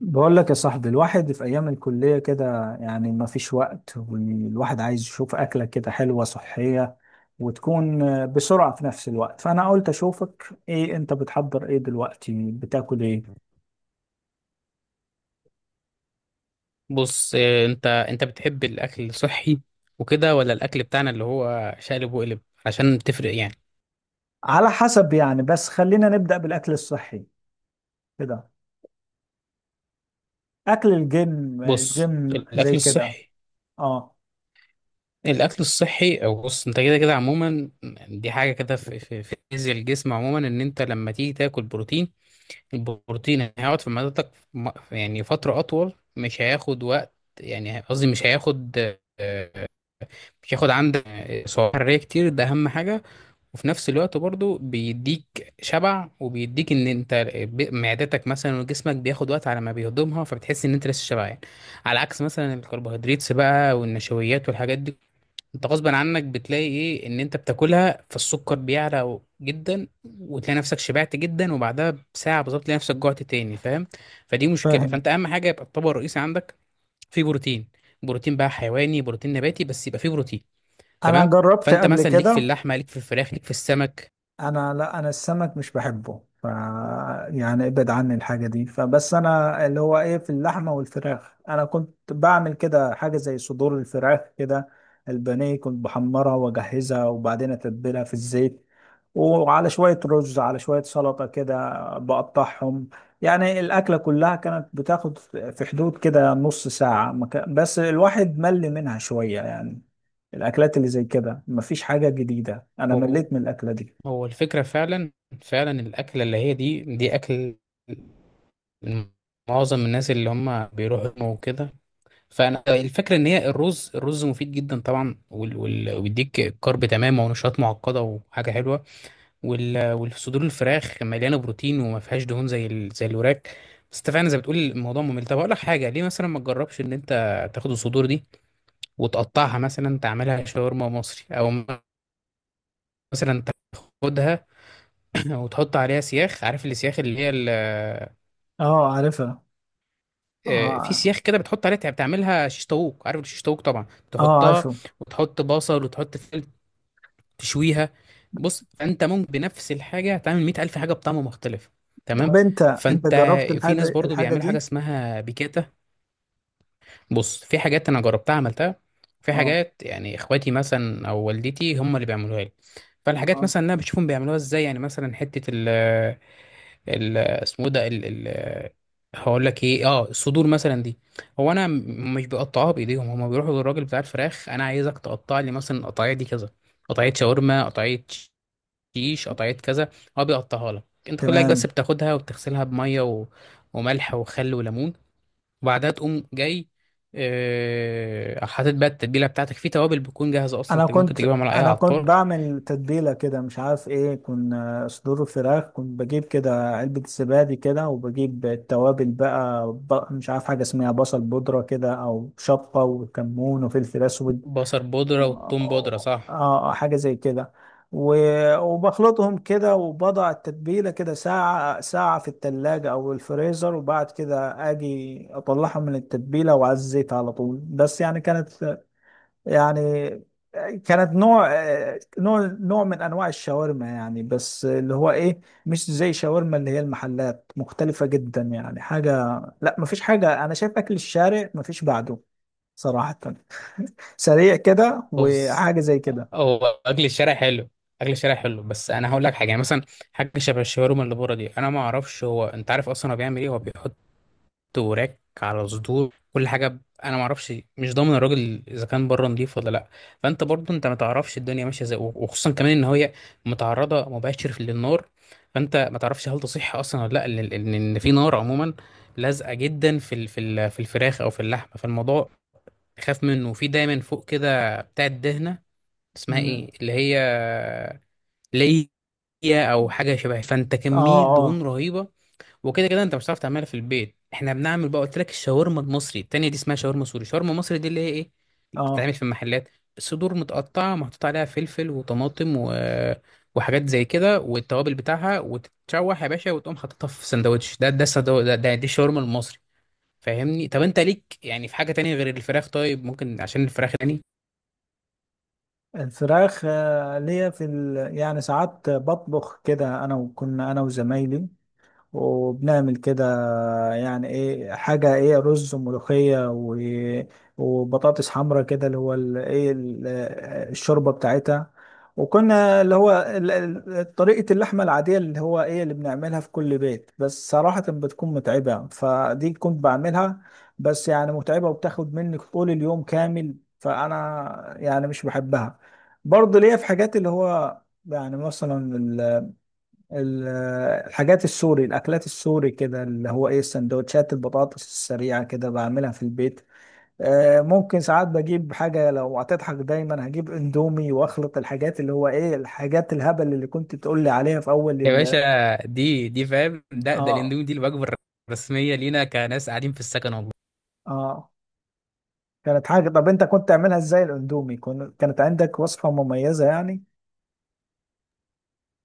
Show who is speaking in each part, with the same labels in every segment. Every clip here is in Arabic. Speaker 1: بقول لك يا صاحبي، الواحد في أيام الكلية كده يعني ما فيش وقت، والواحد عايز يشوف أكلة كده حلوة صحية وتكون بسرعة في نفس الوقت. فأنا قلت أشوفك، إيه أنت بتحضر؟ إيه دلوقتي بتاكل؟ إيه
Speaker 2: بص، انت بتحب الاكل الصحي وكده، ولا الاكل بتاعنا اللي هو شقلب وقلب، عشان تفرق يعني؟
Speaker 1: على حسب يعني، بس خلينا نبدأ بالأكل الصحي كده، أكل الجيم
Speaker 2: بص
Speaker 1: الجيم زي
Speaker 2: الاكل
Speaker 1: كده.
Speaker 2: الصحي
Speaker 1: أه.
Speaker 2: الاكل الصحي او بص، انت كده كده عموما. دي حاجه كده في فيزياء الجسم عموما، ان انت لما تيجي تاكل بروتين، البروتين هيقعد في معدتك يعني فتره اطول، مش هياخد وقت. يعني قصدي آه، مش هياخد عندك سعرات حراريه كتير، ده اهم حاجه. وفي نفس الوقت برضو بيديك شبع، وبيديك ان انت معدتك مثلا وجسمك بياخد وقت على ما بيهضمها، فبتحس ان انت لسه شبعان. على عكس مثلا الكربوهيدرات بقى والنشويات والحاجات دي، انت غصبا عنك بتلاقي ايه ان انت بتاكلها، فالسكر بيعلى جدا وتلاقي نفسك شبعت جدا، وبعدها بساعة بالظبط تلاقي نفسك جوعت تاني، فاهم؟ فدي مشكلة.
Speaker 1: فاهم.
Speaker 2: فانت اهم حاجة يبقى الطبق الرئيسي عندك فيه بروتين، بروتين بقى حيواني بروتين نباتي، بس يبقى فيه بروتين،
Speaker 1: أنا
Speaker 2: تمام؟
Speaker 1: جربت
Speaker 2: فانت
Speaker 1: قبل
Speaker 2: مثلا ليك في
Speaker 1: كده.
Speaker 2: اللحمة، ليك في الفراخ، ليك في السمك.
Speaker 1: لا، انا السمك مش بحبه، يعني ابعد عني الحاجه دي، فبس انا اللي هو ايه، في اللحمه والفراخ انا كنت بعمل كده حاجه زي صدور الفراخ كده. البانيه كنت بحمرها واجهزها، وبعدين اتبلها في الزيت، وعلى شويه رز على شويه سلطه كده بقطعهم. يعني الاكله كلها كانت بتاخد في حدود كده نص ساعه، ما كان- بس الواحد مل منها شويه يعني. الاكلات اللي زي كده مفيش حاجه جديده، انا
Speaker 2: هو
Speaker 1: مليت من الاكله دي.
Speaker 2: هو الفكرة فعلا، فعلا الأكلة اللي هي دي أكل معظم الناس اللي هم بيروحوا جيم وكده. فأنا الفكرة إن هي الرز مفيد جدا طبعا، وبيديك كارب، تمام، ونشاط معقدة وحاجة حلوة. والصدور الفراخ مليانة بروتين، وما فيهاش دهون زي الوراك. بس أنت فعلا زي بتقول، الموضوع ممل. طب أقول لك حاجة، ليه مثلا ما تجربش إن أنت تاخد الصدور دي وتقطعها، مثلا تعملها شاورما مصري، أو مثلا تاخدها وتحط عليها سياخ، عارف السياخ اللي هي ال-
Speaker 1: اه، عارفها.
Speaker 2: آه، في
Speaker 1: اه.
Speaker 2: سياخ كده بتحط عليها، بتعملها شيش طاووق، عارف الشيش طاووق طبعا.
Speaker 1: اه،
Speaker 2: تحطها،
Speaker 1: عارفه.
Speaker 2: وتحط بصل وتحط فلفل، تشويها. بص، فانت ممكن بنفس الحاجه تعمل 100000 حاجه بطعم مختلف، تمام؟
Speaker 1: طب انت
Speaker 2: فانت
Speaker 1: جربت
Speaker 2: في ناس
Speaker 1: الحاجه
Speaker 2: برضو
Speaker 1: الحاجه
Speaker 2: بيعملوا حاجه
Speaker 1: دي؟
Speaker 2: اسمها بيكاتا. بص في حاجات انا جربتها عملتها، في
Speaker 1: اه.
Speaker 2: حاجات يعني اخواتي مثلا او والدتي هم اللي بيعملوها لي. فالحاجات
Speaker 1: اه.
Speaker 2: مثلا انا بشوفهم بيعملوها ازاي، يعني مثلا حته ال ال اسمه إيه ده، ال هقول لك ايه، الصدور مثلا دي. هو انا مش بقطعها، بايديهم هم بيروحوا للراجل بتاع الفراخ، انا عايزك تقطع لي مثلا القطعيه دي كذا، قطعيه شاورما، قطعيه شيش، قطعيه كذا. هو بيقطعها لك انت كلك، بس
Speaker 1: تمام.
Speaker 2: بتاخدها وبتغسلها بميه وملح وخل وليمون، وبعدها تقوم جاي حاطط بقى التتبيله بتاعتك في توابل، بتكون جاهزه اصلا،
Speaker 1: انا
Speaker 2: انت ممكن
Speaker 1: كنت
Speaker 2: تجيبها من على اي
Speaker 1: انا كنت
Speaker 2: عطار.
Speaker 1: بعمل تتبيله كده، مش عارف ايه، كنا صدور الفراخ كنت بجيب كده علبه زبادي كده، وبجيب التوابل بقى مش عارف حاجه اسمها بصل بودره كده، او شطه وكمون وفلفل اسود.
Speaker 2: بصل بودره
Speaker 1: اه،
Speaker 2: وثوم بودره، صح؟
Speaker 1: آه، آه، حاجة زي كده. وبخلطهم كده، وبضع التتبيلة كده ساعة ساعة في التلاجة أو الفريزر، وبعد كده أجي أطلعها من التتبيلة وعلى الزيت على طول. بس يعني كانت، يعني كانت نوع آه، نوع نوع من أنواع الشاورما يعني، بس اللي هو إيه مش زي شاورما اللي هي المحلات، مختلفة جدا يعني حاجة. لا، مفيش حاجة، أنا شايف أكل الشارع مفيش بعده صراحة، سريع كده
Speaker 2: بص،
Speaker 1: وحاجة زي كده.
Speaker 2: هو اكل الشارع حلو. اكل الشارع حلو، بس انا هقول لك حاجه. يعني مثلا حاجه شبه الشاورما اللي بره دي، انا ما اعرفش هو انت عارف اصلا هو بيعمل ايه، هو بيحط وراك على صدور، كل حاجه انا ما اعرفش، مش ضامن الراجل اذا كان بره نضيف ولا لا. فانت برضو انت ما تعرفش الدنيا ماشيه ازاي، وخصوصا كمان ان هي متعرضه مباشر للنار، فانت ما تعرفش هل تصح اصلا ولا لا ان ان إن في نار عموما لازقه جدا في الفراخ او في اللحمه، فالموضوع خاف منه. وفي دايما فوق كده بتاع الدهنه، اسمها
Speaker 1: مم.
Speaker 2: ايه اللي هي ليا؟ او حاجه شبه، فانت
Speaker 1: اه.
Speaker 2: كميه دهون
Speaker 1: اه.
Speaker 2: رهيبه. وكده كده انت مش هتعرف تعملها في البيت. احنا بنعمل بقى، قلت لك الشاورما المصري. التانية دي اسمها شاورما سوري، شاورما مصري دي اللي هي ايه،
Speaker 1: اه.
Speaker 2: بتتعمل في المحلات. الصدور متقطعة، محطوط عليها فلفل وطماطم وحاجات زي كده، والتوابل بتاعها، وتتشوح يا باشا، وتقوم حاططها في سندوتش ده ده السندو... ده, ده دي الشاورما المصري، فاهمني؟ طب انت ليك يعني في حاجة تانية غير الفراخ؟ طيب ممكن عشان الفراخ تاني.
Speaker 1: الفراخ، ليا في يعني ساعات بطبخ كده انا، وكنا انا وزمايلي وبنعمل كده، يعني ايه، حاجة ايه، رز وملوخية وبطاطس حمرا كده، اللي هو الشوربة بتاعتها. وكنا اللي هو طريقة اللحمة العادية اللي هو ايه اللي بنعملها في كل بيت، بس صراحة بتكون متعبة، فدي كنت بعملها. بس يعني متعبة وبتاخد منك طول اليوم كامل، فأنا يعني مش بحبها. برضه ليا في حاجات اللي هو يعني مثلا ال- الحاجات السوري، الاكلات السوري كده، اللي هو ايه السندوتشات، البطاطس السريعه كده بعملها في البيت. ممكن ساعات بجيب حاجه، لو هتضحك دايما هجيب اندومي واخلط الحاجات اللي هو ايه الحاجات الهبل اللي كنت تقول لي عليها في اول
Speaker 2: يا باشا، دي فاهم، ده
Speaker 1: اه.
Speaker 2: الاندومي دي الوجبة الرسمية لينا كناس قاعدين في السكن، والله.
Speaker 1: اه. كانت حاجه. طب انت كنت تعملها ازاي الاندومي؟ كانت عندك وصفه مميزه يعني؟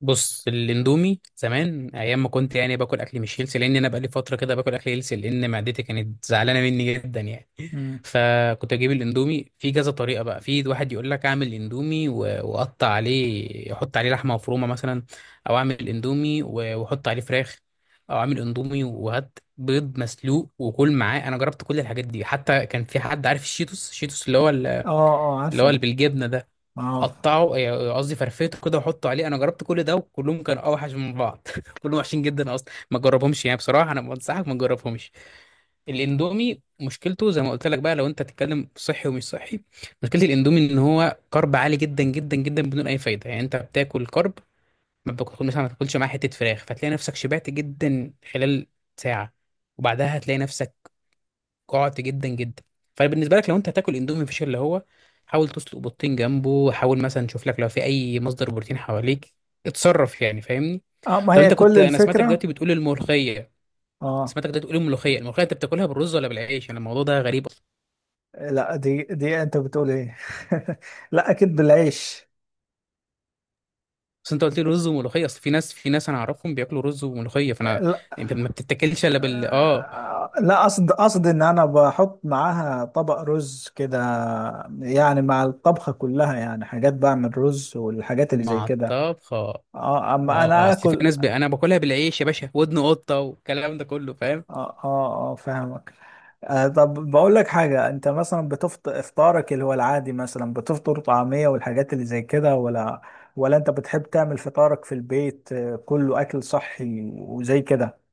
Speaker 2: بص الاندومي زمان، ايام ما كنت يعني باكل اكل مش هيلسي، لان انا بقالي فتره كده باكل اكل هيلسي، لان معدتي كانت زعلانه مني جدا يعني.
Speaker 1: امم.
Speaker 2: فكنت اجيب الاندومي في كذا طريقه بقى، في واحد يقول لك اعمل اندومي واقطع عليه احط عليه لحمه مفرومه مثلا، او اعمل اندومي واحط عليه فراخ، او اعمل اندومي وهات بيض مسلوق وكل معاه. انا جربت كل الحاجات دي، حتى كان في حد عارف الشيتوس
Speaker 1: اه. اه،
Speaker 2: اللي هو
Speaker 1: عارفه.
Speaker 2: اللي بالجبنه ده،
Speaker 1: اه.
Speaker 2: قطعه، يعني قصدي فرفيته كده وحطه عليه. انا جربت كل ده، وكلهم كانوا اوحش من بعض كلهم وحشين جدا، اصلا ما تجربهمش يعني بصراحه، انا بنصحك ما تجربهمش. الاندومي مشكلته زي ما قلت لك بقى، لو انت تتكلم صحي ومش صحي، مشكله الاندومي ان هو كارب عالي جدا جدا جدا بدون اي فايده، يعني انت بتاكل كارب، ما بتاكل مثلا، ما تاكلش معاه حته فراخ، فتلاقي نفسك شبعت جدا خلال ساعه، وبعدها هتلاقي نفسك قعدت جدا جدا. فبالنسبه لك، لو انت هتاكل اندومي فيش اللي هو، حاول تسلق بيضتين جنبه، حاول مثلا تشوف لك لو في اي مصدر بروتين حواليك، اتصرف يعني، فاهمني؟
Speaker 1: اه، ما
Speaker 2: طب
Speaker 1: هي
Speaker 2: انت
Speaker 1: كل
Speaker 2: كنت انا سمعتك
Speaker 1: الفكره.
Speaker 2: دلوقتي بتقول الملوخيه
Speaker 1: اه.
Speaker 2: سمعتك دلوقتي بتقول الملوخيه الملوخيه انت بتاكلها بالرز ولا بالعيش؟ انا الموضوع ده غريب اصلا.
Speaker 1: لا، دي انت بتقول ايه؟ لا، اكيد بالعيش.
Speaker 2: بس انت قلت لي رز وملوخيه، اصل في ناس انا اعرفهم بياكلوا رز وملوخيه،
Speaker 1: لا،
Speaker 2: انت ما بتتاكلش الا بال
Speaker 1: لا، قصد ان انا بحط معاها طبق رز كده. يعني مع الطبخة كلها، يعني حاجات بعمل رز والحاجات اللي زي
Speaker 2: مع
Speaker 1: كده.
Speaker 2: الطبخه، اه،
Speaker 1: اه. اما
Speaker 2: اه،
Speaker 1: انا
Speaker 2: اصل في
Speaker 1: اكل.
Speaker 2: ناس انا باكلها بالعيش يا باشا، ودن قطه والكلام ده كله، فاهم؟
Speaker 1: اه. اه. اه، فاهمك. طب بقول لك حاجة، انت مثلا بتفطر افطارك اللي هو العادي، مثلا بتفطر طعمية والحاجات اللي زي كده، ولا انت بتحب تعمل فطارك في البيت كله اكل صحي وزي كده؟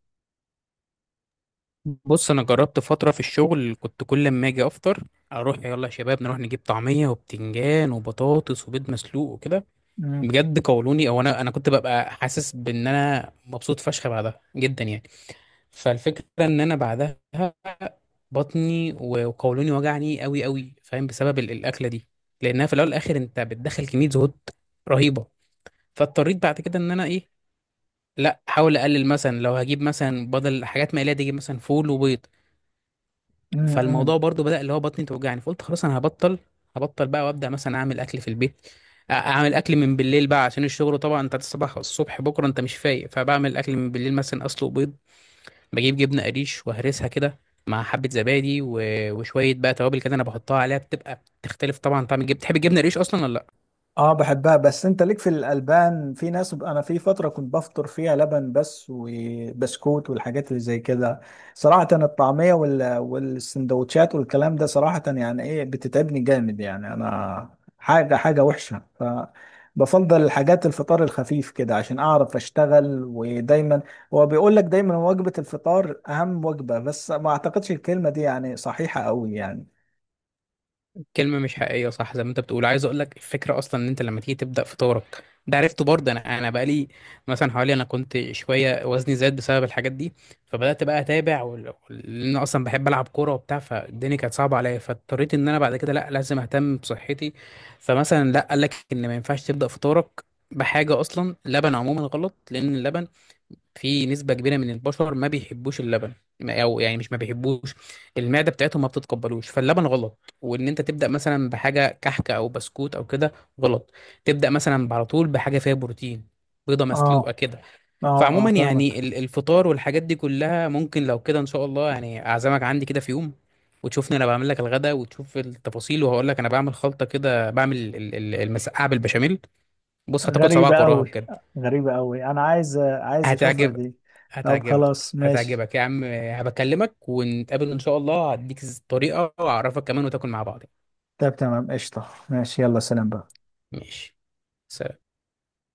Speaker 2: بص انا جربت فتره في الشغل، كنت كل ما اجي افطر، اروح يلا يا شباب نروح نجيب طعميه وبتنجان وبطاطس وبيض مسلوق وكده.
Speaker 1: مم.
Speaker 2: بجد قولوني، او انا كنت ببقى حاسس بان انا مبسوط فشخ بعدها جدا يعني. فالفكره ان انا بعدها بطني وقولوني وجعني قوي قوي، فاهم؟ بسبب الاكله دي، لانها في الاول والاخر انت بتدخل كميه زهود رهيبه. فاضطريت بعد كده ان انا ايه، لا احاول اقلل، مثلا لو هجيب مثلا بدل حاجات مقليه دي اجيب مثلا فول وبيض.
Speaker 1: مم. مم.
Speaker 2: فالموضوع برضو بدأ اللي هو بطني توجعني، فقلت خلاص انا هبطل بقى، وابدأ مثلا اعمل اكل في البيت، اعمل اكل من بالليل بقى عشان الشغل، طبعا انت الصبح، الصبح بكره انت مش فايق، فبعمل اكل من بالليل، مثلا اسلق بيض، بجيب جبنه قريش وهرسها كده مع حبه زبادي وشويه بقى توابل كده انا بحطها عليها، بتبقى تختلف طبعا طعم الجبنه. بتحب الجبنه قريش اصلا ولا لا؟
Speaker 1: اه، بحبها. بس انت ليك في الالبان، في ناس، انا في فتره كنت بفطر فيها لبن بس وبسكوت والحاجات اللي زي كده. صراحه الطعميه والسندوتشات والكلام ده، صراحه يعني ايه بتتعبني جامد يعني، انا حاجه حاجه وحشه. فبفضل الحاجات الفطار الخفيف كده عشان اعرف اشتغل. ودايما هو بيقول لك دايما وجبه الفطار اهم وجبه، بس ما اعتقدش الكلمه دي يعني صحيحه قوي يعني.
Speaker 2: كلمة مش حقيقية، صح؟ زي ما انت بتقول، عايز اقول لك الفكرة اصلا ان انت لما تيجي تبدأ فطارك ده، عرفته برضه انا بقالي مثلا حوالي، انا كنت شوية وزني زاد بسبب الحاجات دي، فبدأت بقى اتابع، لان انا اصلا بحب العب كورة وبتاع، فالدنيا كانت صعبة عليا، فاضطريت ان انا بعد كده، لا لازم اهتم بصحتي. فمثلا لا، قال لك ان ما ينفعش تبدأ فطارك بحاجة اصلا لبن، عموما غلط، لان اللبن في نسبة كبيرة من البشر ما بيحبوش اللبن، أو يعني مش ما بيحبوش، المعدة بتاعتهم ما بتتقبلوش، فاللبن غلط، وإن أنت تبدأ مثلا بحاجة كحكة أو بسكوت أو كده غلط، تبدأ مثلا على طول بحاجة فيها بروتين، بيضة
Speaker 1: اه.
Speaker 2: مسلوقة كده.
Speaker 1: اه. اه،
Speaker 2: فعموما يعني
Speaker 1: فاهمك.
Speaker 2: الفطار والحاجات دي كلها ممكن لو كده إن شاء الله، يعني أعزمك عندي كده في يوم وتشوفني أنا بعمل لك الغدا، وتشوف التفاصيل. وهقول لك أنا بعمل خلطة كده، بعمل المسقعة بالبشاميل، بص هتاكل
Speaker 1: غريبة
Speaker 2: صباعك وراها
Speaker 1: أوي.
Speaker 2: بجد.
Speaker 1: غريبة أوي، أنا عايز عايز أشوفها
Speaker 2: هتعجبك،
Speaker 1: دي. طب
Speaker 2: هتعجبك،
Speaker 1: خلاص ماشي.
Speaker 2: هتعجبك يا عم، هبكلمك ونتقابل إن شاء الله، هديك الطريقة وأعرفك كمان، وتاكل مع بعض،
Speaker 1: طب تمام قشطة، ماشي، يلا سلام بقى.
Speaker 2: ماشي، سلام.